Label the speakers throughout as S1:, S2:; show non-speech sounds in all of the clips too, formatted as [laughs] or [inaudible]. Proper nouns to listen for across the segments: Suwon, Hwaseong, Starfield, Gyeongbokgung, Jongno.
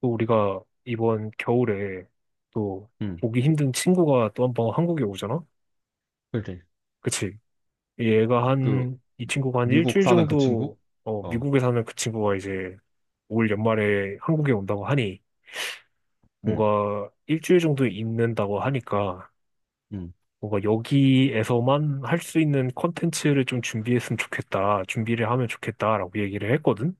S1: 또 우리가 이번 겨울에 또
S2: 음,
S1: 보기 힘든 친구가 또 한 번 한국에 오잖아?
S2: 그지.
S1: 그치? 얘가
S2: 그,
S1: 이 친구가 한
S2: 미국
S1: 일주일
S2: 사는 그 친구?
S1: 정도. 어,
S2: 어,
S1: 미국에 사는 그 친구가 이제 올 연말에 한국에 온다고 하니
S2: 음,
S1: 뭔가 일주일 정도 있는다고 하니까
S2: 음,
S1: 뭔가 여기에서만 할 수 있는 컨텐츠를 좀 준비했으면 좋겠다. 준비를 하면 좋겠다라고 얘기를 했거든?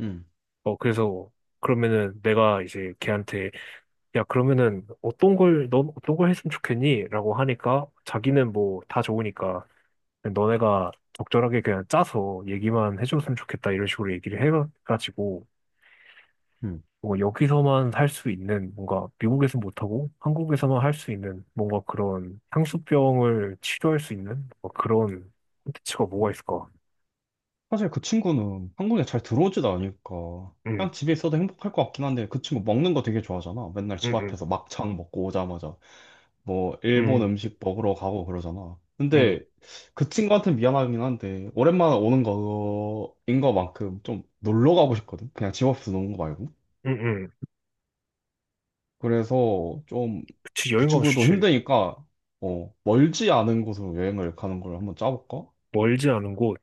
S2: 음,
S1: 그래서 그러면은 내가 이제 걔한테 야, 그러면은 넌 어떤 걸 했으면 좋겠니? 라고 하니까 자기는 뭐 다 좋으니까 그냥 너네가 적절하게 그냥 짜서 얘기만 해줬으면 좋겠다 이런 식으로 얘기를 해가지고
S2: 음.
S1: 뭐 여기서만 할 수 있는 뭔가 미국에서 못하고 한국에서만 할 수 있는 뭔가 그런 향수병을 치료할 수 있는 뭐 그런 콘텐츠가 뭐가 있을까?
S2: 사실 그 친구는 한국에 잘 들어오지도 않으니까,
S1: 응,
S2: 그냥 집에 있어도 행복할 것 같긴 한데, 그 친구 먹는 거 되게 좋아하잖아. 맨날 집
S1: 응, 응,
S2: 앞에서 막창 먹고 오자마자, 뭐, 일본
S1: 응,
S2: 음식 먹으러 가고 그러잖아.
S1: 응,
S2: 근데, 그 친구한테 미안하긴 한데, 오랜만에 오는 거인 것만큼 좀 놀러 가고 싶거든? 그냥 집 앞에서 노는 거 말고.
S1: 응, 응.
S2: 그래서 좀
S1: 그치,
S2: 그
S1: 여행 가면
S2: 친구도
S1: 좋지.
S2: 힘드니까 멀지 않은 곳으로 여행을 가는 걸 한번 짜볼까?
S1: 멀지 않은 곳.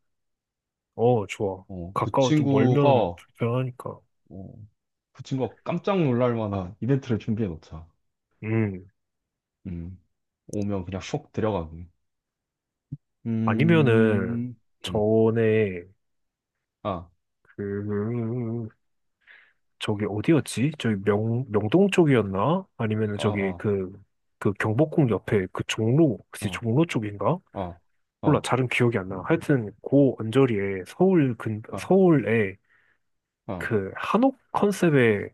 S1: 어, 좋아.
S2: 어, 그
S1: 가까워, 도
S2: 친구가
S1: 멀면
S2: 어,
S1: 불편하니까.
S2: 그 친구가 깜짝 놀랄 만한 이벤트를 준비해 놓자.
S1: 음.
S2: 음. 오면 그냥 쏙 들어가기.
S1: 아니면은,
S2: 음. 음.
S1: 전에,
S2: 아,
S1: 그, 저기 어디였지? 저기 명동 쪽이었나? 아니면은
S2: 아,
S1: 저기
S2: 아,
S1: 그, 그 경복궁 옆에 그 종로, 혹시
S2: 아,
S1: 종로 쪽인가?
S2: 아,
S1: 몰라,
S2: 아,
S1: 잘은 기억이 안 나. 하여튼, 그 언저리에
S2: 아,
S1: 서울에
S2: 아.
S1: 그 한옥 컨셉의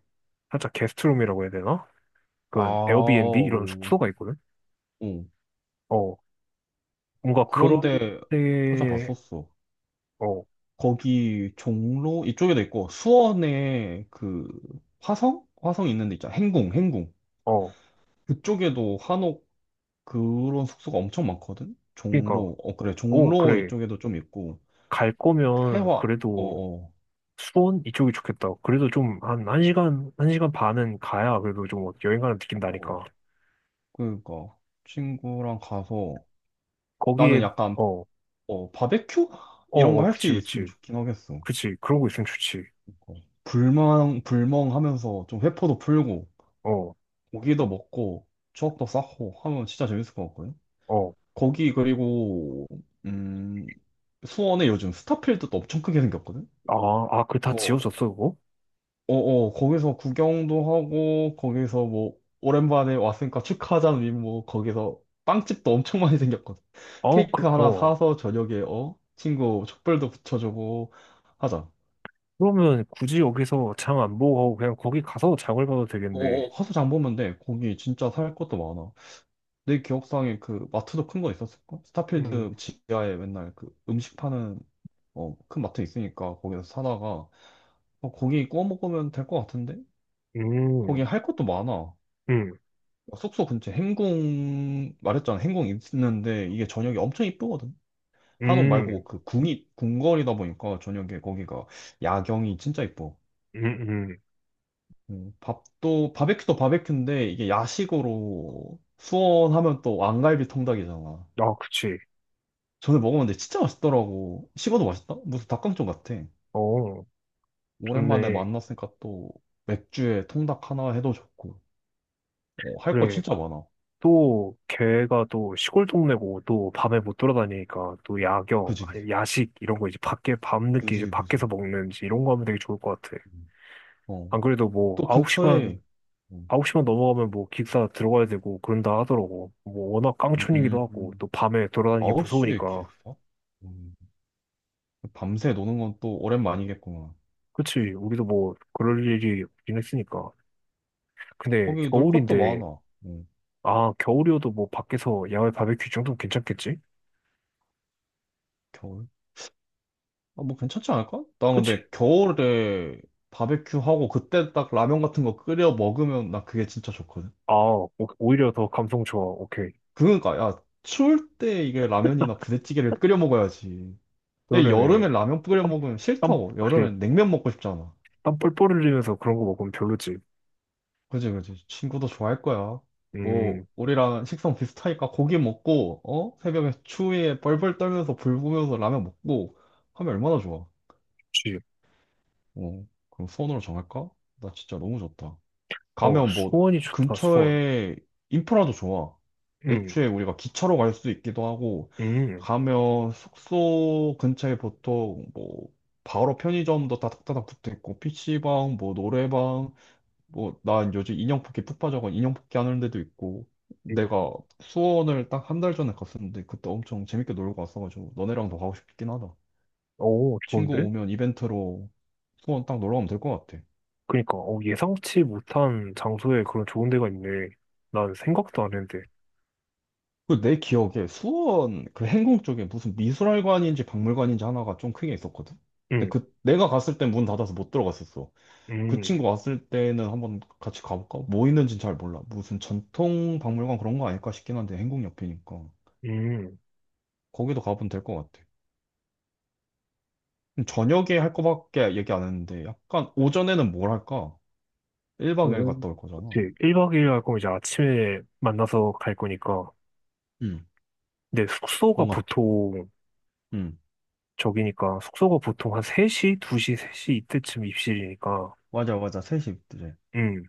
S1: 살짝 게스트룸이라고 해야 되나?
S2: 아,
S1: 그런 에어비앤비 이런
S2: 오.
S1: 숙소가 있거든?
S2: 오.
S1: 어, 뭔가 그런
S2: 그런데
S1: 데.
S2: 찾아봤었어.
S1: 어,
S2: 거기 종로 이쪽에도 있고 수원에 그 화성? 화성 있는 데 있잖아. 행궁, 행궁.
S1: 어,
S2: 그쪽에도 한옥 그런 숙소가 엄청 많거든.
S1: 그니까,
S2: 종로. 어 그래.
S1: 어,
S2: 종로
S1: 그래.
S2: 이쪽에도 좀 있고
S1: 갈 거면
S2: 해화. 어,
S1: 그래도
S2: 어.
S1: 수원 이쪽이 좋겠다. 그래도 좀 한 한시간한시간 반은 가야 그래도 좀 어, 여행 가는
S2: 어.
S1: 느낀다니까.
S2: 그러니까 친구랑 가서
S1: 거기에
S2: 나는 약간
S1: 어,
S2: 바베큐
S1: 어,
S2: 이런 거
S1: 어,
S2: 할 수
S1: 그치,
S2: 있으면
S1: 그치.
S2: 좋긴 하겠어.
S1: 그치. 그런 거 있으면 좋지.
S2: 어, 불멍 불멍 하면서 좀 회포도 풀고
S1: 어,
S2: 고기도 먹고 추억도 쌓고 하면 진짜 재밌을 것 같거든.
S1: 어.
S2: 거기 그리고 음 수원에 요즘 스타필드도 엄청 크게 생겼거든.
S1: 아, 아, 그 다
S2: 어,
S1: 지워졌어, 그거?
S2: 어, 거기서 구경도 하고 거기서 뭐 오랜만에 왔으니까 축하하자는 의미 뭐 거기서 빵집도 엄청 많이 생겼거든.
S1: 어, 그,
S2: 케이크 하나
S1: 어.
S2: 사서 저녁에 어 친구 촛불도 붙여주고 하자.
S1: 그러면 굳이 여기서 장 안 보고 가고 그냥 거기 가서 장을 봐도
S2: 어,
S1: 되겠네.
S2: 어, 가서 장 보면 돼. 거기 진짜 살 것도 많아. 내 기억상에 그 마트도 큰 거 있었을까?
S1: 음,
S2: 스타필드 지하에 맨날 그 음식 파는 어, 큰 마트 있으니까 거기서 사다가 어, 고기 구워 먹으면 될 것 같은데? 거기
S1: 음,
S2: 할 것도 많아.
S1: 음,
S2: 숙소 근처 행궁, 말했잖아. 행궁 있는데 이게 저녁이 엄청 이쁘거든. 한옥
S1: 음,
S2: 말고 그 궁이, 궁궐이다 보니까 저녁에 거기가 야경이 진짜 이뻐.
S1: 음, 음.
S2: 밥도, 바베큐도 바베큐인데 이게 야식으로 수원하면 또 왕갈비 통닭이잖아.
S1: 아, 그치.
S2: 전에 먹었는데 진짜 맛있더라고. 식어도 맛있다? 무슨 닭강정 같아.
S1: 어,
S2: 오랜만에
S1: 좋네.
S2: 만났으니까 또 맥주에 통닭 하나 해도 좋고. 어, 할거
S1: 그래.
S2: 진짜 많아.
S1: 또 걔가 또 시골 동네고 또 밤에 못 돌아다니니까 또 야경,
S2: 그지, 그지.
S1: 아니 야식 이런 거 이제 밖에 밤늦게 이제
S2: 그지, 그지.
S1: 밖에서 먹는지 이런 거 하면 되게 좋을 것 같아.
S2: 음. 어.
S1: 안 그래도 뭐
S2: 또 근처에, 음,
S1: 9시만 넘어가면 뭐 기숙사 들어가야 되고 그런다 하더라고. 뭐 워낙 깡촌이기도 하고
S2: 음,
S1: 또 밤에 돌아다니기
S2: 9시에
S1: 무서우니까.
S2: 기숙사? 음, 밤새 노는 건 또 오랜만이겠구나.
S1: 그치 우리도 뭐 그럴 일이 없긴 했으니까. 근데
S2: 거기 놀 것도
S1: 겨울인데
S2: 많아.
S1: 아 겨울이어도 뭐 밖에서 야외 바베큐 정도면 괜찮겠지?
S2: 겨울? 아, 뭐 괜찮지 않을까? 나
S1: 그치?
S2: 근데 겨울에 바베큐 하고 그때 딱 라면 같은 거 끓여 먹으면 나 그게 진짜 좋거든.
S1: 아 오히려 더 감성 좋아. 오케이.
S2: 그러니까, 야, 추울 때 이게 라면이나 부대찌개를 끓여 먹어야지. 근데
S1: 그러네.
S2: 여름에 라면 끓여
S1: 땀,
S2: 먹으면
S1: 땀,
S2: 싫다고.
S1: 그래,
S2: 여름엔 냉면 먹고 싶잖아.
S1: 땀 뻘뻘 흘리면서 그런 거 먹으면 별로지.
S2: 그지, 그지. 친구도 좋아할 거야. 뭐,
S1: 음,
S2: 우리랑 식성 비슷하니까 고기 먹고, 어? 새벽에 추위에 뻘뻘 떨면서 불 보면서 라면 먹고 하면 얼마나 좋아.
S1: 그치.
S2: 어, 그럼 수원으로 정할까? 나 진짜 너무 좋다.
S1: 어,
S2: 가면 뭐,
S1: 수원이 좋다, 수원.
S2: 근처에 인프라도 좋아.
S1: 음,
S2: 애초에 우리가 기차로 갈 수 있기도 하고,
S1: 음,
S2: 가면 숙소 근처에 보통 뭐, 바로 편의점도 다닥다닥 붙어 있고, PC방, 뭐, 노래방, 뭐, 나 요즘 인형 뽑기 푹 빠져가 인형 뽑기 하는 데도 있고,
S1: 음.
S2: 내가 수원을 딱 한 달 전에 갔었는데, 그때 엄청 재밌게 놀고 왔어가지고, 너네랑도 가고 싶긴 하다.
S1: 오,
S2: 친구
S1: 좋은데?
S2: 오면 이벤트로 수원 딱 놀러 가면 될 것 같아.
S1: 그니까, 어, 예상치 못한 장소에 그런 좋은 데가 있네. 난 생각도 안 했는데.
S2: 그 내 기억에 수원 그 행궁 쪽에 무슨 미술관인지 박물관인지 하나가 좀 크게 있었거든? 근데
S1: 음,
S2: 그, 내가 갔을 땐 문 닫아서 못 들어갔었어. 그
S1: 음,
S2: 친구 왔을 때는 한번 같이 가볼까? 뭐 있는지는 잘 몰라. 무슨 전통 박물관 그런 거 아닐까 싶긴 한데, 행궁 옆이니까.
S1: 음.
S2: 거기도 가보면 될 것 같아. 저녁에 할 거밖에 얘기 안 했는데, 약간 오전에는 뭘 할까? 1박 2일
S1: 오.
S2: 갔다 올 거잖아.
S1: 그치. 1박 2일 할 거면 이제 아침에 만나서 갈 거니까.
S2: 응.
S1: 근데 숙소가
S2: 뭔가,
S1: 보통,
S2: 응.
S1: 저기니까, 숙소가 보통 한 3시 이때쯤 입실이니까.
S2: 맞아, 맞아. 셋이 그래.
S1: 음.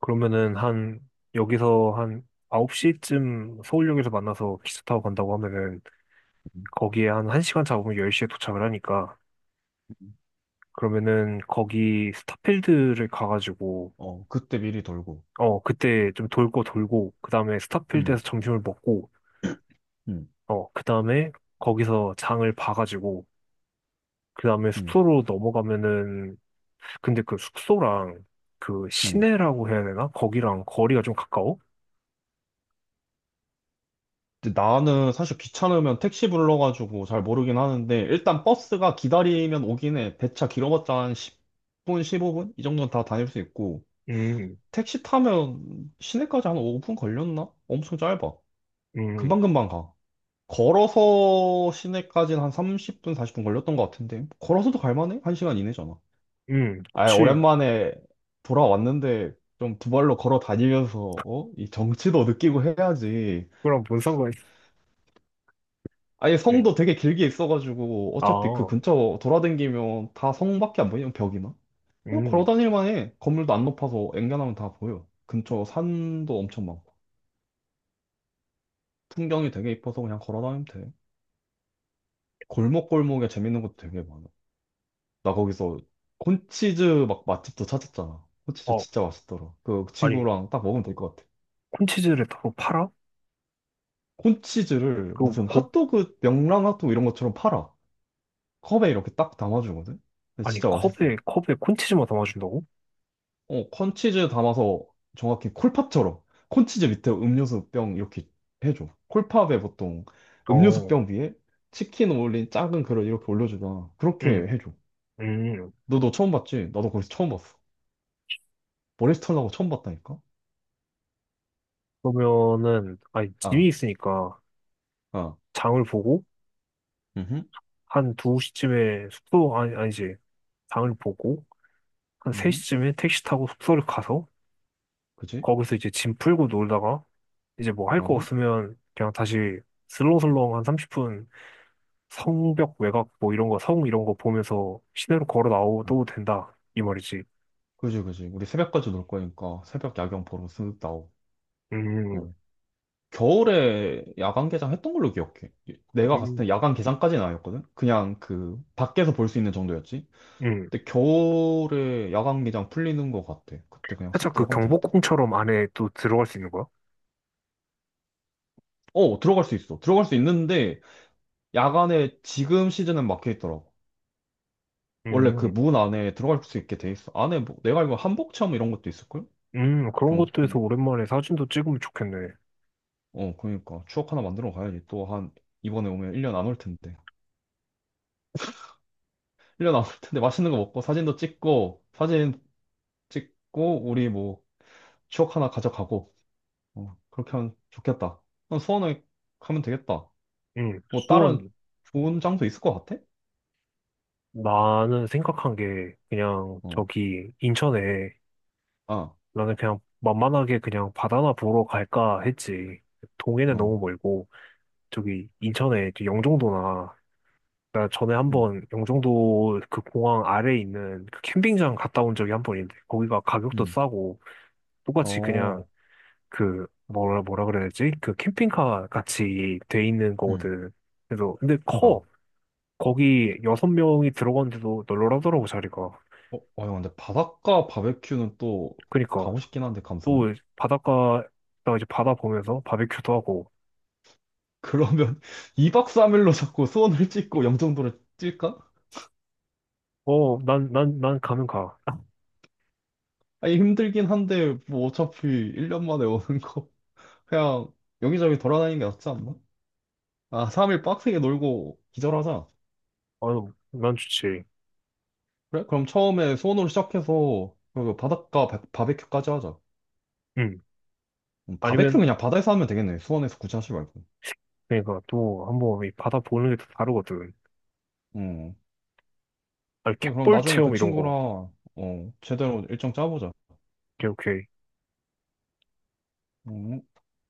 S1: 그러면은 한 여기서 한 9시쯤 서울역에서 만나서 기차 타고 간다고 하면은
S2: 음.
S1: 거기에 한 1시간 잡으면 10시에 도착을 하니까 그러면은 거기 스타필드를 가가지고
S2: 어, 그때 미리 돌고.
S1: 어 그때 좀 돌고 그 다음에
S2: 응.
S1: 스타필드에서 점심을 먹고
S2: 응.
S1: 어 그 다음에 거기서 장을 봐가지고 그 다음에
S2: 응.
S1: 숙소로 넘어가면은. 근데 그 숙소랑 그
S2: 응.
S1: 시내라고 해야 되나? 거기랑 거리가 좀 가까워?
S2: 근데 나는 사실 귀찮으면 택시 불러가지고 잘 모르긴 하는데, 일단 버스가 기다리면 오긴 해. 배차 길어봤자 한 10분, 15분? 이 정도는 다 다닐 수 있고,
S1: 음,
S2: 택시 타면 시내까지 한 5분 걸렸나? 엄청 짧아.
S1: 음,
S2: 금방금방 가. 걸어서 시내까지는 한 30분, 40분 걸렸던 것 같은데. 걸어서도 갈만해? 한시간 이내잖아. 아,
S1: 그치.
S2: 오랜만에 돌아왔는데 좀 두 발로 걸어 다니면서 어? 이 정취도 느끼고 해야지.
S1: 그거랑 뭔 상관?
S2: 아니,
S1: 네.
S2: 성도 되게 길게 있어가지고 어차피 그
S1: 아,
S2: 근처 돌아다니면 다 성밖에 안 보이면 벽이나? 어, 걸어
S1: 음,
S2: 다닐 만해. 건물도 안 높아서 앵간하면 다 보여. 근처 산도 엄청 많고. 풍경이 되게 이뻐서 그냥 걸어 다니면 돼. 골목골목에 재밌는 것도 되게 많아. 나 거기서 콘치즈 막 맛집도 찾았잖아. 콘치즈
S1: 어,
S2: 진짜 맛있더라. 그
S1: 아니,
S2: 친구랑 딱 먹으면 될 것 같아.
S1: 콘치즈를 바로 팔아?
S2: 콘치즈를
S1: 그거
S2: 무슨
S1: 곡,
S2: 핫도그, 명랑 핫도그 이런 것처럼 팔아. 컵에 이렇게 딱 담아주거든? 근데
S1: 아니,
S2: 진짜 맛있어.
S1: 컵에 콘치즈만 담아준다고?
S2: 어, 콘치즈 담아서 정확히 콜팝처럼 콘치즈 밑에 음료수 병 이렇게 해줘. 콜팝에 보통 음료수
S1: 어,
S2: 병 위에 치킨 올린 작은 그릇 이렇게 올려주잖아. 그렇게
S1: 음,
S2: 해줘.
S1: 음.
S2: 너도 처음 봤지? 나도 거기서 처음 봤어. 머리 스털일하고 처음 봤다니까?
S1: 그러면은, 아니, 짐이
S2: 아,
S1: 있으니까,
S2: 아.
S1: 장을 보고,
S2: 음흠.
S1: 아니, 아니지, 장을 보고, 한
S2: 음흠.
S1: 3시쯤에 택시 타고 숙소를 가서,
S2: 그지?
S1: 거기서 이제 짐 풀고 놀다가, 이제 뭐 할 거
S2: 어허.
S1: 없으면, 그냥 다시 슬렁슬렁 한 30분 성벽 외곽 뭐 이런 거, 성 이런 거 보면서 시내로 걸어
S2: 아,
S1: 나와도 된다. 이 말이지.
S2: 그지, 그지. 우리 새벽까지 놀 거니까 새벽 야경 보러 쓱 나오고.
S1: 음,
S2: 어. 겨울에 야간 개장 했던 걸로 기억해. 예, 내가 갔을
S1: 음,
S2: 때 야간 개장까지는 아니었거든? 그냥 그 밖에서 볼 수 있는 정도였지.
S1: 음.
S2: 근데 겨울에 야간 개장 풀리는 것 같아. 그때 그냥 쓱
S1: 살짝 그
S2: 들어가면 될 듯?
S1: 경복궁처럼 안에 또 들어갈 수 있는 거야?
S2: 어, 들어갈 수 있어. 들어갈 수 있는데 야간에 지금 시즌은 막혀 있더라고. 원래 그
S1: 음,
S2: 문 안에 들어갈 수 있게 돼 있어. 안에 뭐 내가 알고 한복 체험 이런 것도 있을걸?
S1: 그런 것도
S2: 경복궁
S1: 해서 오랜만에 사진도 찍으면 좋겠네.
S2: 어, 그러니까. 추억 하나 만들어 가야지. 또 한, 이번에 오면 1년 안 올 텐데. 1년 안 올 텐데 맛있는 거 먹고 사진도 찍고, 사진 찍고, 우리 뭐, 추억 하나 가져가고, 어, 그렇게 하면 좋겠다. 그럼 수원에 가면 되겠다.
S1: 음,
S2: 뭐, 다른
S1: 수원,
S2: 좋은 장소 있을 것 같아?
S1: 나는 생각한 게 그냥
S2: 어,
S1: 저기 인천에.
S2: 아,
S1: 나는 그냥 만만하게 그냥 바다나 보러 갈까 했지. 동해는
S2: 어,
S1: 너무 멀고 저기 인천에 이제 영종도나 그러니까 전에
S2: 음,
S1: 한번 영종도 그 공항 아래에 있는 그 캠핑장 갔다 온 적이 한 번 있는데 거기가 가격도
S2: 음,
S1: 싸고 똑같이 그냥
S2: 어,
S1: 그 뭐라 뭐라 그래야 되지? 그 캠핑카 같이 돼 있는
S2: 음,
S1: 거거든. 그래서 근데 커.
S2: 아.
S1: 거기 여섯 명이 들어갔는데도 널널하더라고 자리가.
S2: 어, 어, 형, 근데 바닷가 바베큐는 또
S1: 그니까
S2: 가고 싶긴 한데, 감성이?
S1: 또 바닷가 나 이제 바다 보면서 바베큐도 하고
S2: 그러면 [laughs] 2박 3일로 자꾸 수원을 찍고 영종도를 찔까?
S1: 어 난 가면 가.
S2: 아니, 힘들긴 한데, 뭐, 어차피 1년 만에 오는 거. [laughs] 그냥, 여기저기 돌아다니는 게 낫지 않나? 아, 3일 빡세게 놀고 기절하자.
S1: 어 난 좋지.
S2: 그래? 그럼 처음에 수원으로 시작해서, 그리고 바닷가 바, 바베큐까지 하자.
S1: 응.
S2: 바베큐는
S1: 아니면
S2: 그냥 바다에서 하면 되겠네. 수원에서 굳이 하지 말고.
S1: 그러니까 또 한번 이 바다 보는 게 또 다르거든.
S2: 음.
S1: 아,
S2: 그래, 그럼
S1: 갯벌
S2: 나중에 그
S1: 체험 이런 거.
S2: 친구랑, 어, 제대로 일정 짜보자.
S1: 오케이, 오케이.
S2: 음.